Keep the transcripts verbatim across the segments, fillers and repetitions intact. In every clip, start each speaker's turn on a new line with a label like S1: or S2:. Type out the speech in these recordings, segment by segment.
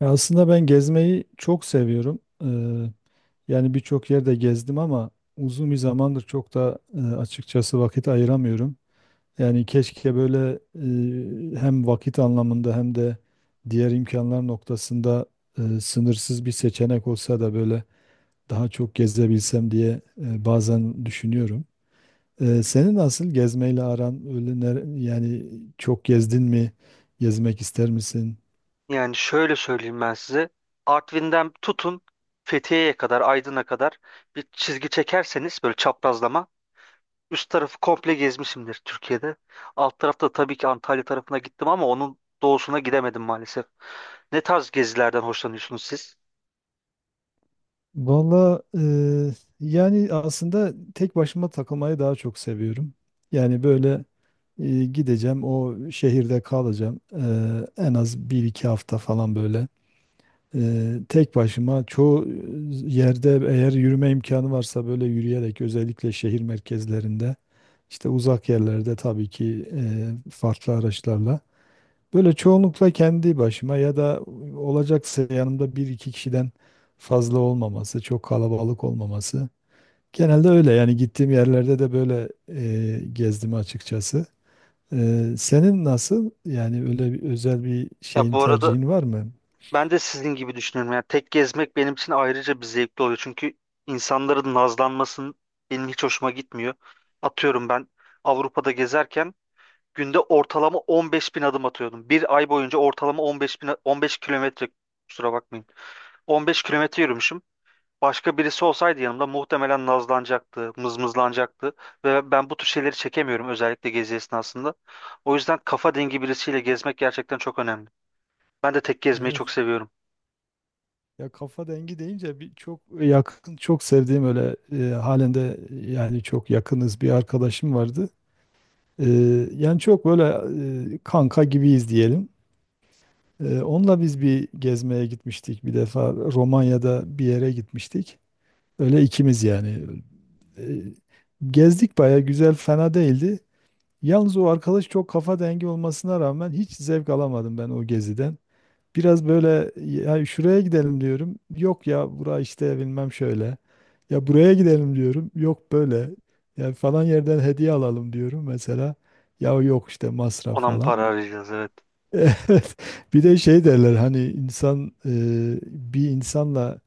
S1: Ya aslında ben gezmeyi çok seviyorum. Eee, yani birçok yerde gezdim ama uzun bir zamandır çok da e, açıkçası vakit ayıramıyorum. Yani keşke böyle e, hem vakit anlamında hem de diğer imkanlar noktasında e, sınırsız bir seçenek olsa da böyle daha çok gezebilsem diye e, bazen düşünüyorum. E, senin nasıl gezmeyle aran öyle ner- yani çok gezdin mi? Gezmek ister misin?
S2: Yani şöyle söyleyeyim ben size. Artvin'den tutun Fethiye'ye kadar, Aydın'a kadar bir çizgi çekerseniz böyle çaprazlama üst tarafı komple gezmişimdir Türkiye'de. Alt tarafta tabii ki Antalya tarafına gittim ama onun doğusuna gidemedim maalesef. Ne tarz gezilerden hoşlanıyorsunuz siz?
S1: Valla eee, yani aslında tek başıma takılmayı daha çok seviyorum. Yani böyle eee, gideceğim o şehirde kalacağım. Eee, en az bir iki hafta falan böyle. Eee, tek başıma çoğu yerde eğer yürüme imkanı varsa böyle yürüyerek, özellikle şehir merkezlerinde, işte uzak yerlerde tabii ki eee, farklı araçlarla. Böyle çoğunlukla kendi başıma, ya da olacaksa yanımda bir iki kişiden fazla olmaması, çok kalabalık olmaması. Genelde öyle yani, gittiğim yerlerde de böyle e, gezdim açıkçası. E, senin nasıl? Yani öyle bir, özel bir
S2: Ya
S1: şeyin
S2: bu arada
S1: tercihin var mı?
S2: ben de sizin gibi düşünüyorum. Yani tek gezmek benim için ayrıca bir zevkli oluyor. Çünkü insanların nazlanmasının benim hiç hoşuma gitmiyor. Atıyorum ben Avrupa'da gezerken günde ortalama on beş bin adım atıyordum. Bir ay boyunca ortalama on beş bin, on beş kilometre kusura bakmayın. on beş kilometre yürümüşüm. Başka birisi olsaydı yanımda muhtemelen nazlanacaktı, mızmızlanacaktı. Ve ben bu tür şeyleri çekemiyorum özellikle gezi esnasında. O yüzden kafa dengi birisiyle gezmek gerçekten çok önemli. Ben de tek gezmeyi
S1: Evet.
S2: çok seviyorum.
S1: Ya kafa dengi deyince bir çok yakın, çok sevdiğim öyle e, halen de yani çok yakınız, bir arkadaşım vardı. Ee, yani çok böyle e, kanka gibiyiz diyelim. Ee, onunla biz bir gezmeye gitmiştik, bir defa Romanya'da bir yere gitmiştik. Öyle ikimiz yani. Ee, Gezdik, baya güzel, fena değildi. Yalnız o arkadaş çok kafa dengi olmasına rağmen hiç zevk alamadım ben o geziden. Biraz böyle ya şuraya gidelim diyorum. Yok ya bura işte bilmem şöyle. Ya buraya gidelim diyorum. Yok böyle. Ya falan yerden hediye alalım diyorum mesela. Ya yok işte masraf
S2: Ona mı
S1: falan.
S2: para arayacağız? Evet.
S1: Evet. Bir de şey derler, hani insan e, bir insanla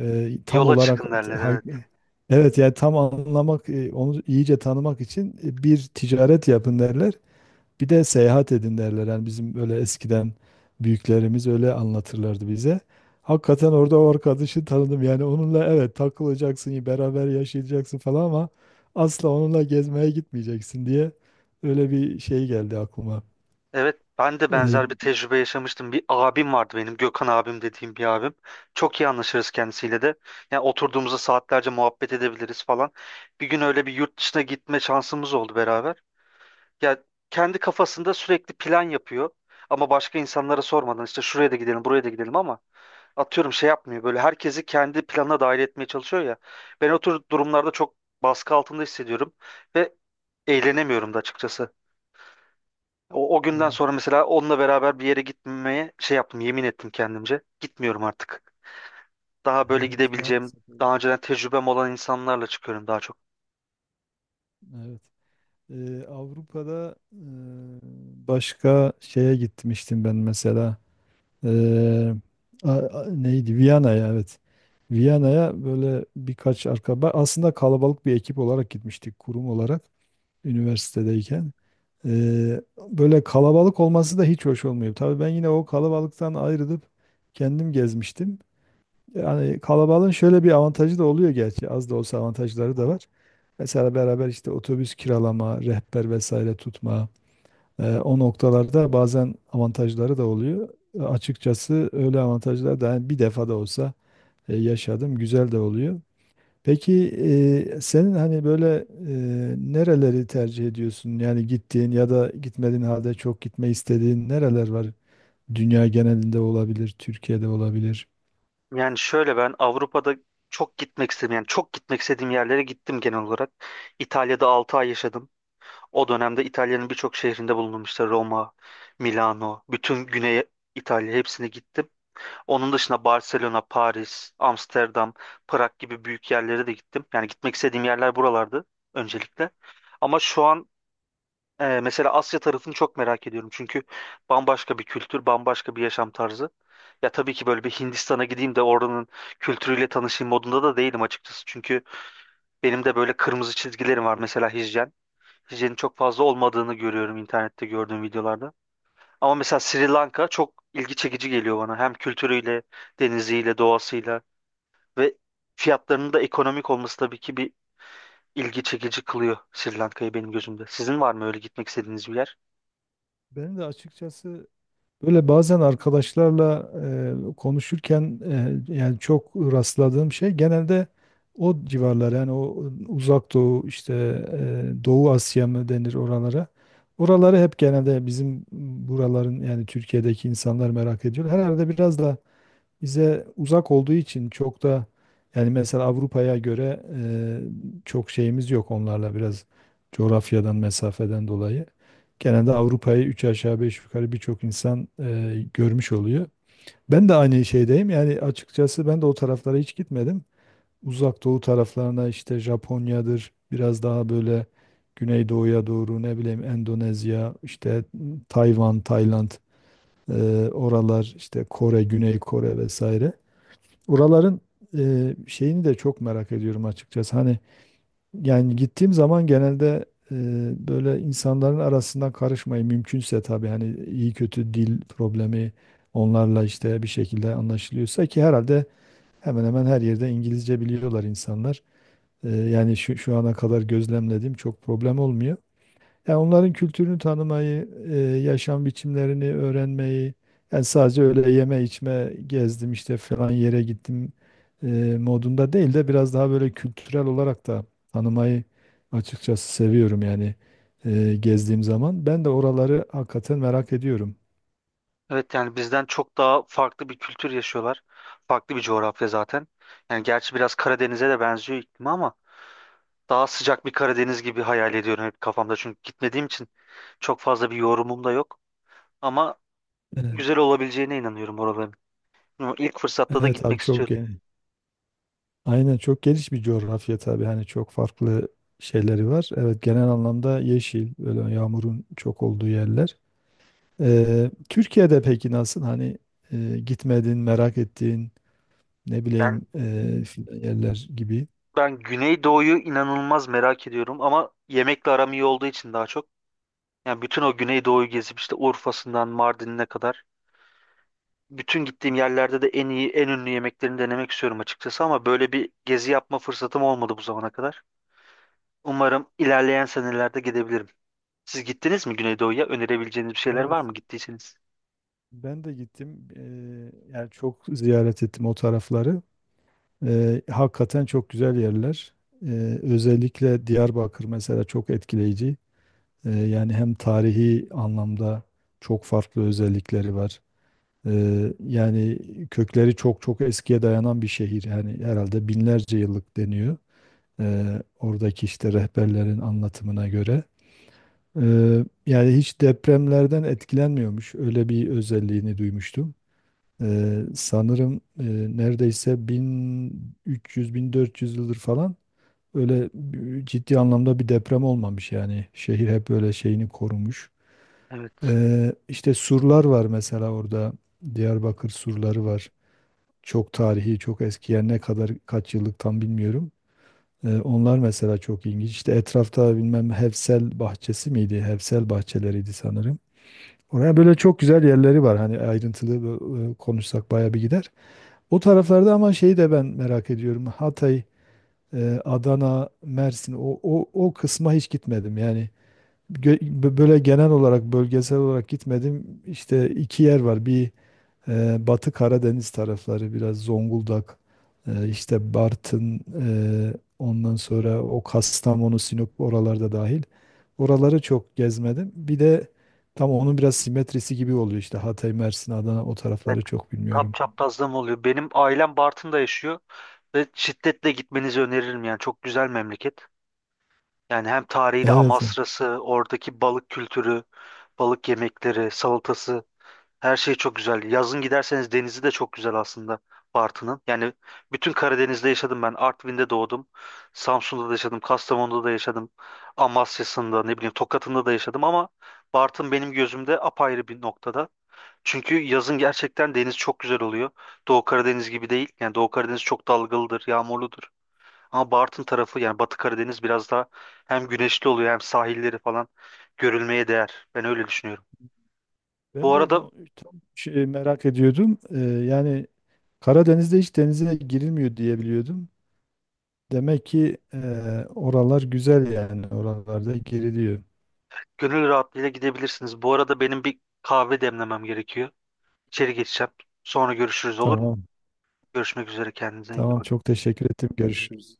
S1: e, tam
S2: Yola
S1: olarak
S2: çıkın derler.
S1: ha-
S2: Evet.
S1: evet, yani tam anlamak, e, onu iyice tanımak için e, bir ticaret yapın derler. Bir de seyahat edin derler. Yani bizim öyle eskiden büyüklerimiz öyle anlatırlardı bize. Hakikaten orada o arkadaşı tanıdım. Yani onunla evet takılacaksın, beraber yaşayacaksın falan, ama asla onunla gezmeye gitmeyeceksin diye öyle bir şey geldi aklıma.
S2: Evet, ben de
S1: Ee,
S2: benzer bir tecrübe yaşamıştım. Bir abim vardı benim, Gökhan abim dediğim bir abim. Çok iyi anlaşırız kendisiyle de. Yani oturduğumuzda saatlerce muhabbet edebiliriz falan. Bir gün öyle bir yurt dışına gitme şansımız oldu beraber. Ya kendi kafasında sürekli plan yapıyor. Ama başka insanlara sormadan işte şuraya da gidelim, buraya da gidelim ama atıyorum şey yapmıyor. Böyle herkesi kendi planına dahil etmeye çalışıyor ya. Ben o tür durumlarda çok baskı altında hissediyorum ve eğlenemiyorum da açıkçası. O, o günden
S1: evet.
S2: sonra mesela onunla beraber bir yere gitmemeye şey yaptım, yemin ettim kendimce. Gitmiyorum artık. Daha böyle
S1: Evet,
S2: gidebileceğim,
S1: maalesef öyle.
S2: daha önceden tecrübem olan insanlarla çıkıyorum daha çok.
S1: Evet. Ee, Avrupa'da e, başka şeye gitmiştim ben mesela. Eee, a- a- Neydi? Viyana'ya, evet. Viyana'ya böyle birkaç arkadaş, aslında kalabalık bir ekip olarak gitmiştik, kurum olarak, üniversitedeyken. Eee, Böyle kalabalık olması da hiç hoş olmuyor. Tabii ben yine o kalabalıktan ayrılıp kendim gezmiştim. Yani kalabalığın şöyle bir avantajı da oluyor gerçi. Az da olsa avantajları da var. Mesela beraber işte otobüs kiralama, rehber vesaire tutma. Eee, o noktalarda bazen avantajları da oluyor. E, Açıkçası öyle avantajlar da hani bir defa da olsa e, yaşadım. Güzel de oluyor. Peki e, senin hani böyle e, nereleri tercih ediyorsun? Yani gittiğin ya da gitmediğin halde çok gitme istediğin nereler var? Dünya genelinde olabilir, Türkiye'de olabilir.
S2: Yani şöyle ben Avrupa'da çok gitmek istedim. Yani çok gitmek istediğim yerlere gittim genel olarak. İtalya'da altı ay yaşadım. O dönemde İtalya'nın birçok şehrinde bulundum. İşte Roma, Milano, bütün Güney İtalya hepsine gittim. Onun dışında Barcelona, Paris, Amsterdam, Prag gibi büyük yerlere de gittim. Yani gitmek istediğim yerler buralardı öncelikle. Ama şu an e, mesela Asya tarafını çok merak ediyorum. Çünkü bambaşka bir kültür, bambaşka bir yaşam tarzı. Ya tabii ki böyle bir Hindistan'a gideyim de oranın kültürüyle tanışayım modunda da değilim açıkçası. Çünkü benim de böyle kırmızı çizgilerim var. Mesela hijyen. Hijyenin çok fazla olmadığını görüyorum internette gördüğüm videolarda. Ama mesela Sri Lanka çok ilgi çekici geliyor bana. Hem kültürüyle, deniziyle, doğasıyla. Ve fiyatlarının da ekonomik olması tabii ki bir ilgi çekici kılıyor Sri Lanka'yı benim gözümde. Sizin var mı öyle gitmek istediğiniz bir yer?
S1: Benim de açıkçası, böyle bazen arkadaşlarla e, konuşurken e, yani çok rastladığım şey genelde o civarlar, yani o Uzak Doğu, işte e, Doğu Asya mı denir oralara. Oraları hep genelde bizim buraların, yani Türkiye'deki insanlar merak ediyor. Herhalde biraz da bize uzak olduğu için çok da, yani mesela Avrupa'ya göre e, çok şeyimiz yok onlarla, biraz coğrafyadan, mesafeden dolayı. Genelde Avrupa'yı üç aşağı beş yukarı birçok insan e, görmüş oluyor. Ben de aynı şeydeyim. Yani açıkçası ben de o taraflara hiç gitmedim. Uzak Doğu taraflarına işte Japonya'dır, biraz daha böyle Güneydoğu'ya doğru, ne bileyim Endonezya, işte Tayvan, Tayland, e, oralar işte Kore, Güney Kore vesaire. Oraların e, şeyini de çok merak ediyorum açıkçası. Hani yani gittiğim zaman genelde e, böyle insanların arasından karışmayı, mümkünse tabii, hani iyi kötü dil problemi, onlarla işte bir şekilde anlaşılıyorsa, ki herhalde hemen hemen her yerde İngilizce biliyorlar insanlar. E, yani şu, şu ana kadar gözlemlediğim çok problem olmuyor. Yani onların kültürünü tanımayı, e, yaşam biçimlerini öğrenmeyi, yani sadece öyle yeme içme gezdim işte falan yere gittim e, modunda değil de biraz daha böyle kültürel olarak da tanımayı açıkçası seviyorum, yani e, gezdiğim zaman. Ben de oraları hakikaten merak ediyorum.
S2: Evet yani bizden çok daha farklı bir kültür yaşıyorlar. Farklı bir coğrafya zaten. Yani gerçi biraz Karadeniz'e de benziyor iklimi ama daha sıcak bir Karadeniz gibi hayal ediyorum hep kafamda. Çünkü gitmediğim için çok fazla bir yorumum da yok. Ama
S1: Evet.
S2: güzel olabileceğine inanıyorum oraların. Ama İlk fırsatta da
S1: Evet abi,
S2: gitmek
S1: çok
S2: istiyorum.
S1: geniş. Aynen, çok geniş bir coğrafya tabii. Hani çok farklı şeyleri var. Evet, genel anlamda yeşil, böyle yağmurun çok olduğu yerler. Ee, Türkiye'de peki nasıl? Hani e, gitmedin, merak ettiğin, ne
S2: Ben,
S1: bileyim e, filan yerler gibi.
S2: ben Güneydoğu'yu inanılmaz merak ediyorum ama yemekle aram iyi olduğu için daha çok. Yani bütün o Güneydoğu'yu gezip işte Urfa'sından Mardin'ine kadar bütün gittiğim yerlerde de en iyi, en ünlü yemeklerini denemek istiyorum açıkçası ama böyle bir gezi yapma fırsatım olmadı bu zamana kadar. Umarım ilerleyen senelerde gidebilirim. Siz gittiniz mi Güneydoğu'ya? Önerebileceğiniz bir şeyler
S1: Evet.
S2: var mı gittiyseniz?
S1: Ben de gittim. Eee, yani çok ziyaret ettim o tarafları. Eee, hakikaten çok güzel yerler. Eee, özellikle Diyarbakır mesela çok etkileyici. Eee, yani hem tarihi anlamda çok farklı özellikleri var. Eee, yani kökleri çok çok eskiye dayanan bir şehir. Yani herhalde binlerce yıllık deniyor. Eee, oradaki işte rehberlerin anlatımına göre. Eee, yani hiç depremlerden etkilenmiyormuş. Öyle bir özelliğini duymuştum. Ee, sanırım e, neredeyse bin üç yüz bin dört yüz yıldır falan öyle bir- ciddi anlamda bir deprem olmamış yani. Şehir hep böyle şeyini korumuş.
S2: Evet.
S1: Ee, işte surlar var mesela orada. Diyarbakır surları var. Çok tarihi, çok eski, yani ne kadar kaç yıllık tam bilmiyorum. Ee, onlar mesela çok ilginç. İşte etrafta bilmem Hevsel bahçesi miydi? Hevsel bahçeleriydi sanırım. Oraya böyle çok güzel yerleri var. Hani ayrıntılı e, konuşsak bayağı bir gider. O taraflarda, ama şeyi de ben merak ediyorum. Hatay, e, Adana, Mersin, o, o, o kısma hiç gitmedim. Yani gö- bö- böyle genel olarak, bölgesel olarak gitmedim. İşte iki yer var. Bir e, Batı Karadeniz tarafları, biraz Zonguldak, e, işte Bartın, e, ondan sonra o Kastamonu, Sinop, oralarda dahil. Oraları çok gezmedim. Bir de tam onun biraz simetrisi gibi oluyor işte Hatay, Mersin, Adana, o
S2: Evet.
S1: tarafları çok
S2: Tap
S1: bilmiyorum.
S2: çaprazlığım oluyor. Benim ailem Bartın'da yaşıyor ve şiddetle gitmenizi öneririm yani. Çok güzel memleket. Yani hem tarihi de
S1: Evet.
S2: Amasra'sı, oradaki balık kültürü, balık yemekleri, salatası, her şey çok güzel. Yazın giderseniz denizi de çok güzel aslında Bartın'ın. Yani bütün Karadeniz'de yaşadım ben. Artvin'de doğdum. Samsun'da da yaşadım. Kastamonu'da da yaşadım. Amasya'sında ne bileyim Tokat'ında da yaşadım ama Bartın benim gözümde apayrı bir noktada. Çünkü yazın gerçekten deniz çok güzel oluyor. Doğu Karadeniz gibi değil. Yani Doğu Karadeniz çok dalgalıdır, yağmurludur. Ama Bartın tarafı yani Batı Karadeniz biraz daha hem güneşli oluyor hem sahilleri falan görülmeye değer. Ben öyle düşünüyorum.
S1: Ben
S2: Bu
S1: de
S2: arada
S1: o tam şey merak ediyordum. Ee, yani Karadeniz'de hiç denize girilmiyor diye biliyordum. Demek ki e, oralar güzel, yani. Oralarda giriliyor.
S2: gönül rahatlığıyla gidebilirsiniz. Bu arada benim bir kahve demlemem gerekiyor. İçeri geçeceğim. Sonra görüşürüz, olur mu?
S1: Tamam.
S2: Görüşmek üzere, kendinize iyi
S1: Tamam,
S2: bakın.
S1: çok teşekkür ettim. Görüşürüz.